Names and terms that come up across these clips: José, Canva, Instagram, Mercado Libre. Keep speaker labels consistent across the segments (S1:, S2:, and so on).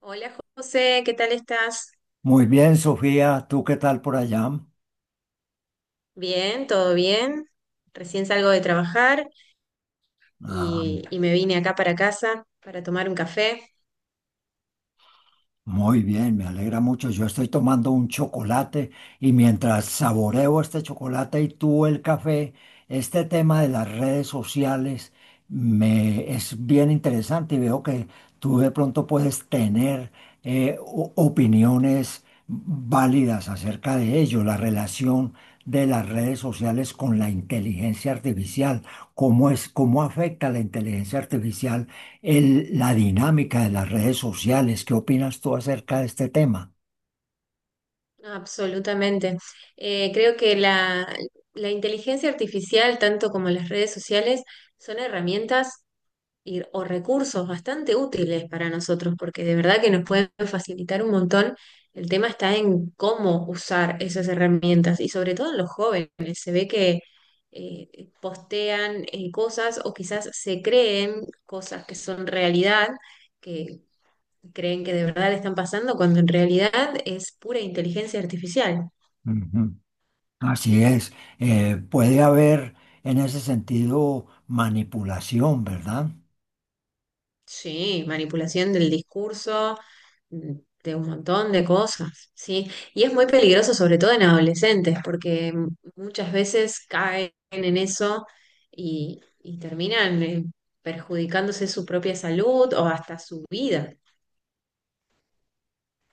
S1: Hola José, ¿qué tal estás?
S2: Muy bien, Sofía, ¿tú qué tal por allá?
S1: Bien, todo bien. Recién salgo de trabajar
S2: Ah,
S1: y me vine acá para casa para tomar un café.
S2: muy bien, me alegra mucho. Yo estoy tomando un chocolate y mientras saboreo este chocolate y tú el café, este tema de las redes sociales me es bien interesante y veo que tú de pronto puedes tener opiniones válidas acerca de ello, la relación de las redes sociales con la inteligencia artificial, cómo es, cómo afecta la inteligencia artificial la dinámica de las redes sociales. ¿Qué opinas tú acerca de este tema?
S1: Absolutamente. Creo que la inteligencia artificial, tanto como las redes sociales, son herramientas o recursos bastante útiles para nosotros, porque de verdad que nos pueden facilitar un montón. El tema está en cómo usar esas herramientas y sobre todo en los jóvenes. Se ve que postean cosas o quizás se creen cosas que son realidad, que creen que de verdad le están pasando, cuando en realidad es pura inteligencia artificial.
S2: Ujú. Así es. Puede haber en ese sentido manipulación, ¿verdad?
S1: Sí, manipulación del discurso, mm, de un montón de cosas, ¿sí? Y es muy peligroso, sobre todo en adolescentes, porque muchas veces caen en eso y terminan perjudicándose su propia salud o hasta su vida.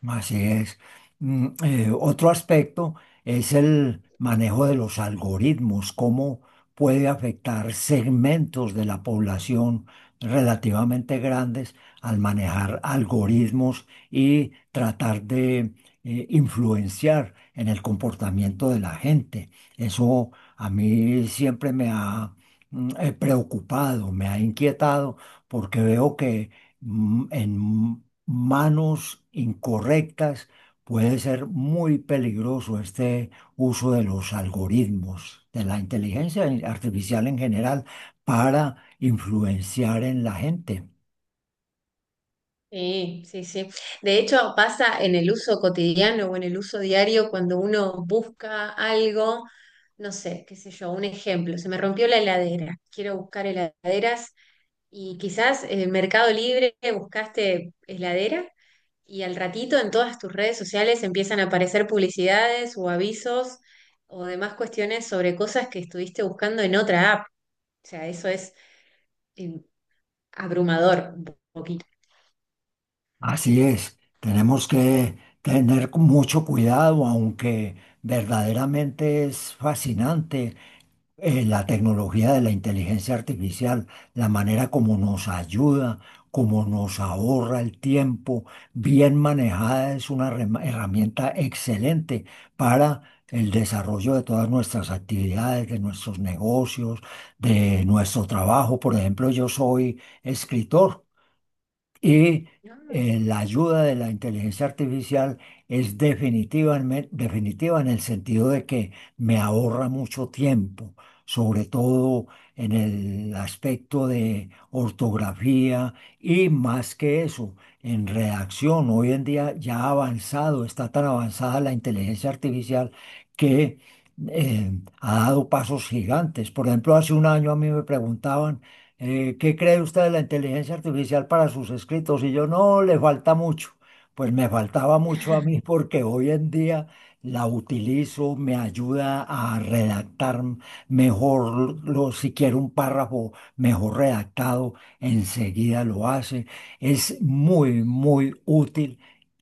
S2: Así es. Otro aspecto es el manejo de los algoritmos, cómo puede afectar segmentos de la población relativamente grandes al manejar algoritmos y tratar de influenciar en el comportamiento de la gente. Eso a mí siempre me ha preocupado, me ha inquietado, porque veo que en manos incorrectas, puede ser muy peligroso este uso de los algoritmos, de la inteligencia artificial en general, para influenciar en la gente.
S1: Sí, sí, sí. De hecho, pasa en el uso cotidiano o en el uso diario cuando uno busca algo, no sé, qué sé yo, un ejemplo, se me rompió la heladera, quiero buscar heladeras. Y quizás Mercado Libre, buscaste heladera y al ratito en todas tus redes sociales empiezan a aparecer publicidades o avisos o demás cuestiones sobre cosas que estuviste buscando en otra app. O sea, eso es eh, abrumador un poquito.
S2: Así es, tenemos que tener mucho cuidado, aunque verdaderamente es fascinante la tecnología de la inteligencia artificial, la manera como nos ayuda, como nos ahorra el tiempo, bien manejada es una herramienta excelente para el desarrollo de todas nuestras actividades, de nuestros negocios, de nuestro trabajo. Por ejemplo, yo soy escritor. Y
S1: No.
S2: la ayuda de la inteligencia artificial es definitiva, en definitiva en el sentido de que me ahorra mucho tiempo, sobre todo en el aspecto de ortografía y más que eso, en redacción. Hoy en día ya ha avanzado, está tan avanzada la inteligencia artificial que eh, ha dado pasos gigantes. Por ejemplo, hace un año a mí me preguntaban ¿qué cree usted de la inteligencia artificial para sus escritos? Y yo, no, le falta mucho. Pues me faltaba mucho a mí porque hoy en día la utilizo, me ayuda a redactar mejor, lo, si quiero un párrafo mejor redactado, enseguida lo hace. Es muy, muy útil,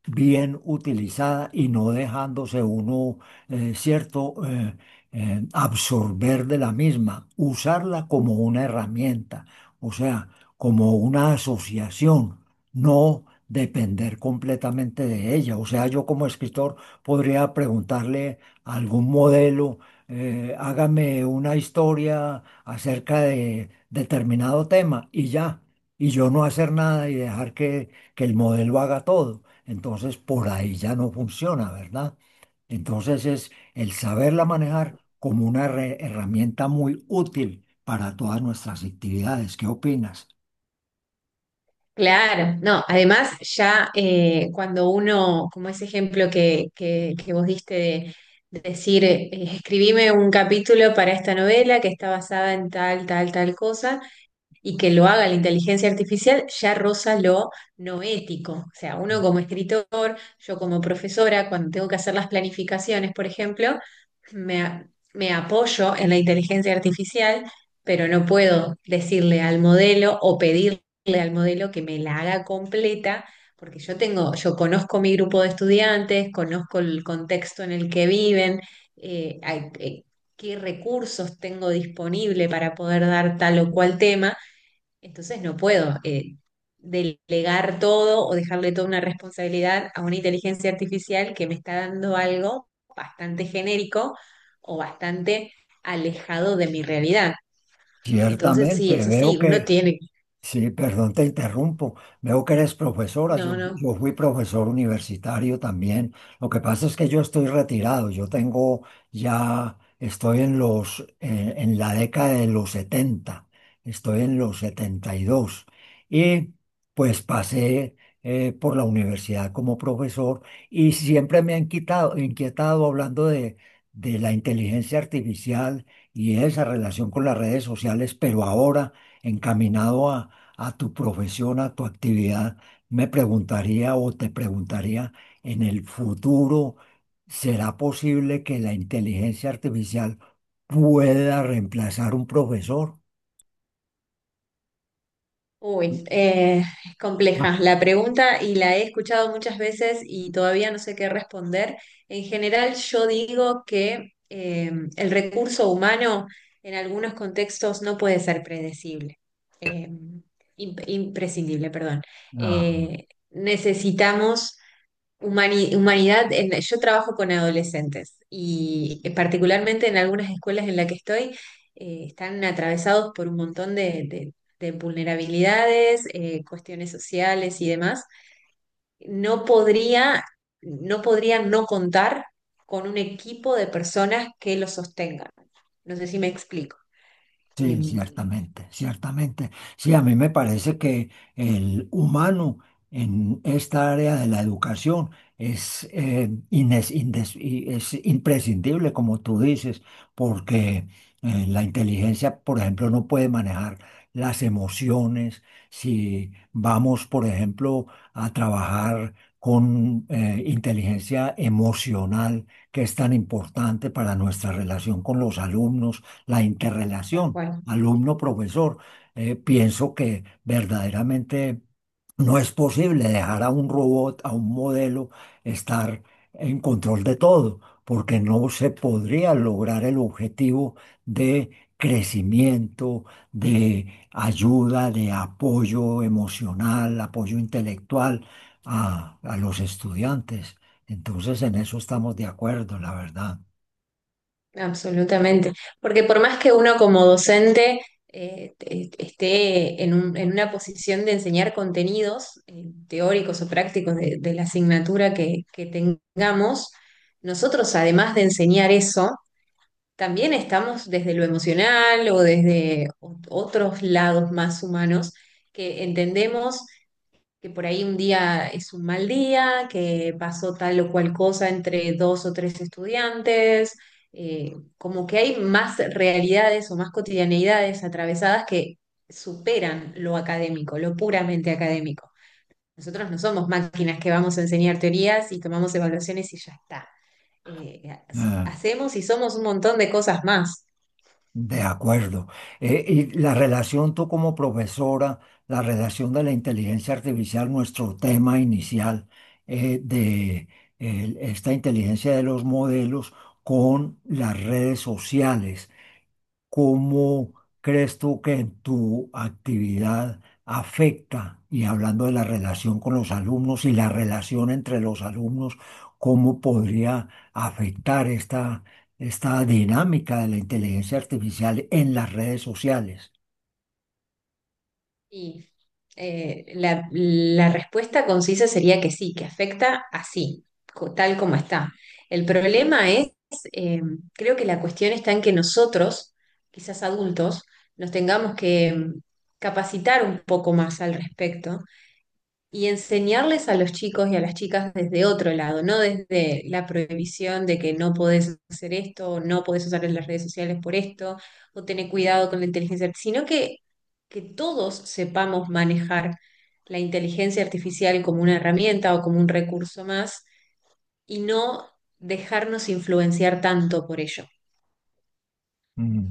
S2: bien utilizada y no dejándose uno, eh, cierto, eh, absorber de la misma, usarla como una herramienta, o sea, como una asociación, no depender completamente de ella. O sea, yo como escritor podría preguntarle a algún modelo, hágame una historia acerca de determinado tema y ya, y yo no hacer nada y dejar que el modelo haga todo. Entonces, por ahí ya no funciona, ¿verdad? Entonces es el saberla manejar como una herramienta muy útil para todas nuestras actividades. ¿Qué opinas?
S1: Claro, no, además ya cuando uno, como ese ejemplo que vos diste de decir, escribime un capítulo para esta novela que está basada en tal, tal, tal cosa y que lo haga la inteligencia artificial ya roza lo no ético. O sea, uno como escritor, yo como profesora, cuando tengo que hacer las planificaciones, por ejemplo, me, a- me apoyo en la inteligencia artificial, pero no puedo decirle al modelo o pedirle al modelo que me la haga completa. Porque yo tengo, yo conozco mi grupo de estudiantes, conozco el contexto en el que viven, eh, hay- eh, qué recursos tengo disponible para poder dar tal o cual tema, entonces no puedo delegar todo o dejarle toda una responsabilidad a una inteligencia artificial que me está dando algo bastante genérico o bastante alejado de mi realidad. Entonces
S2: Ciertamente,
S1: sí, eso
S2: veo
S1: sí, uno
S2: que.
S1: tiene,
S2: Sí, perdón, te interrumpo. Veo que eres profesora. Yo,
S1: no, no.
S2: yo fui profesor universitario también. Lo que pasa es que yo estoy retirado. Yo tengo ya, estoy en los, en la década de los 70. Estoy en los 72. Y dos. Y pues pasé por la universidad como profesor y siempre me han inquietado hablando de la inteligencia artificial y esa relación con las redes sociales, pero ahora encaminado a tu profesión, a tu actividad, me preguntaría o te preguntaría, en el futuro, ¿será posible que la inteligencia artificial pueda reemplazar un profesor?
S1: Uy, es compleja la pregunta y la he escuchado muchas veces y todavía no sé qué responder. En general, yo digo que el recurso humano en algunos contextos no puede ser predecible, eh, imprescindible, perdón.
S2: Ah,
S1: Necesitamos Humani- humanidad, Yo trabajo con adolescentes y particularmente en algunas escuelas en las que estoy, están atravesados por un montón de vulnerabilidades, cuestiones sociales y demás. No podría, no podría no contar con un equipo de personas que los sostengan. No sé si me explico.
S2: sí,
S1: Em,
S2: ciertamente, ciertamente. Sí, a mí me parece que el humano en esta área de la educación es, y es imprescindible, como tú dices, porque la inteligencia, por ejemplo, no puede manejar las emociones. Si vamos, por ejemplo, a trabajar con inteligencia emocional, que es tan importante para nuestra relación con los alumnos, la
S1: tal
S2: interrelación
S1: cual.
S2: alumno, profesor. Pienso que verdaderamente no es posible dejar a un robot, a un modelo, estar en control de todo, porque no se podría lograr el objetivo de crecimiento, de ayuda, de apoyo emocional, apoyo intelectual a los estudiantes. Entonces, en eso estamos de acuerdo, la verdad.
S1: Absolutamente, porque por más que uno como docente esté en en una posición de enseñar contenidos teóricos o prácticos de la asignatura que tengamos, nosotros además de enseñar eso, también estamos desde lo emocional o desde otros lados más humanos, que entendemos que por ahí un día es un mal día, que pasó tal o cual cosa entre dos o tres estudiantes, como que hay más realidades o más cotidianeidades atravesadas que superan lo académico, lo puramente académico. Nosotros no somos máquinas que vamos a enseñar teorías y tomamos evaluaciones y ya está. Eh,
S2: Ah.
S1: hacemos y somos un montón de cosas más.
S2: De acuerdo. Y la relación tú como profesora, la relación de la inteligencia artificial, nuestro tema inicial eh, de esta inteligencia de los modelos con las redes sociales. ¿Cómo crees tú que en tu actividad afecta, y hablando de la relación con los alumnos y la relación entre los alumnos, cómo podría afectar esta, esta dinámica de la inteligencia artificial en las redes sociales?
S1: Y la respuesta concisa sería que sí, que afecta así, tal como está. El problema es, eh, creo que la cuestión está en que nosotros, quizás adultos, nos tengamos que capacitar un poco más al respecto y enseñarles a los chicos y a las chicas desde otro lado, no desde la prohibición de que no podés hacer esto, o no podés usar las redes sociales por esto, o tener cuidado con la inteligencia, sino que todos sepamos manejar la inteligencia artificial como una herramienta o como un recurso más y no dejarnos influenciar tanto por ello.
S2: Mm.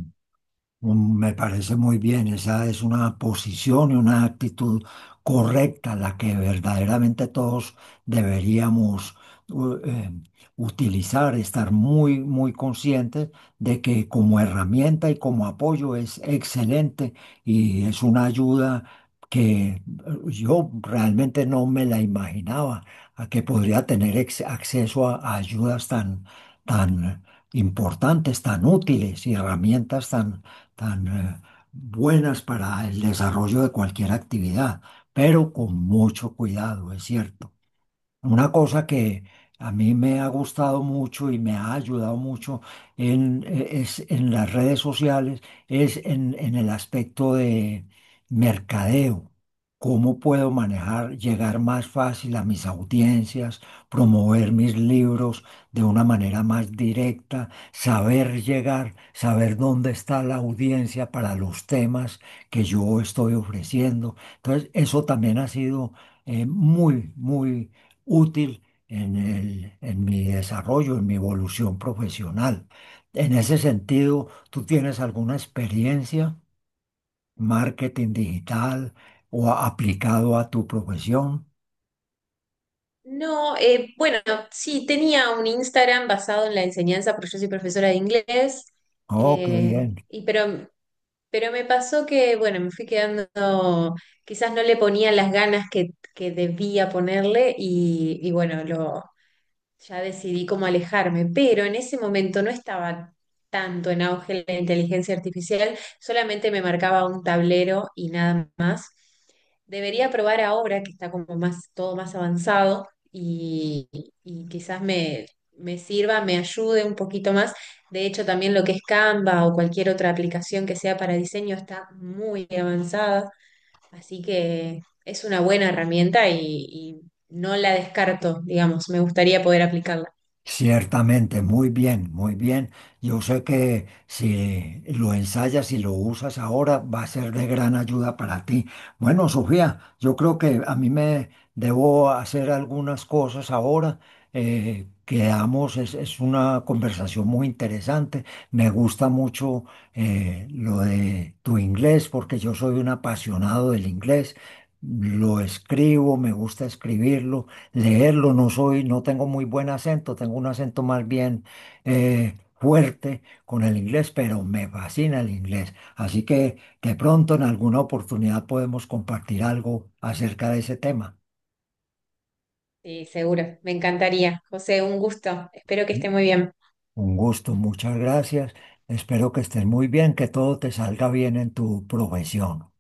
S2: Mm, me parece muy bien, esa es una posición y una actitud correcta, la que verdaderamente todos deberíamos u- eh, utilizar, estar muy, muy conscientes de que como herramienta y como apoyo es excelente y es una ayuda que yo realmente no me la imaginaba, a que podría tener acceso a ayudas tan, tan importantes, tan útiles y herramientas tan tan buenas para el desarrollo de cualquier actividad, pero con mucho cuidado, es cierto. Una cosa que a mí me ha gustado mucho y me ha ayudado mucho en, es en las redes sociales es en el aspecto de mercadeo. ¿Cómo puedo manejar, llegar más fácil a mis audiencias, promover mis libros de una manera más directa, saber llegar, saber dónde está la audiencia para los temas que yo estoy ofreciendo? Entonces, eso también ha sido muy, muy útil en en mi desarrollo, en mi evolución profesional. En ese sentido, ¿tú tienes alguna experiencia, marketing digital o aplicado a tu profesión?
S1: No, bueno, sí, tenía un Instagram basado en la enseñanza, porque yo soy profesora de inglés,
S2: Oh, qué bien.
S1: y pero me pasó que, bueno, me fui quedando, quizás no le ponía las ganas que debía ponerle y bueno, lo, ya decidí cómo alejarme, pero en ese momento no estaba tanto en auge la inteligencia artificial, solamente me marcaba un tablero y nada más. Debería probar ahora que está como más, todo más avanzado y quizás me, me sirva, me ayude un poquito más. De hecho, también lo que es Canva o cualquier otra aplicación que sea para diseño está muy avanzada. Así que es una buena herramienta y no la descarto, digamos, me gustaría poder aplicarla.
S2: Ciertamente, muy bien, muy bien. Yo sé que si lo ensayas y lo usas ahora va a ser de gran ayuda para ti. Bueno, Sofía, yo creo que a mí me debo hacer algunas cosas ahora. Quedamos, es una conversación muy interesante. Me gusta mucho lo de tu inglés porque yo soy un apasionado del inglés. Lo escribo, me gusta escribirlo, leerlo. No soy, no tengo muy buen acento, tengo un acento más bien fuerte con el inglés, pero me fascina el inglés. Así que de pronto en alguna oportunidad podemos compartir algo acerca de ese tema.
S1: Sí, seguro, me encantaría. José, un gusto, espero que esté muy bien.
S2: Un gusto, muchas gracias. Espero que estés muy bien, que todo te salga bien en tu profesión.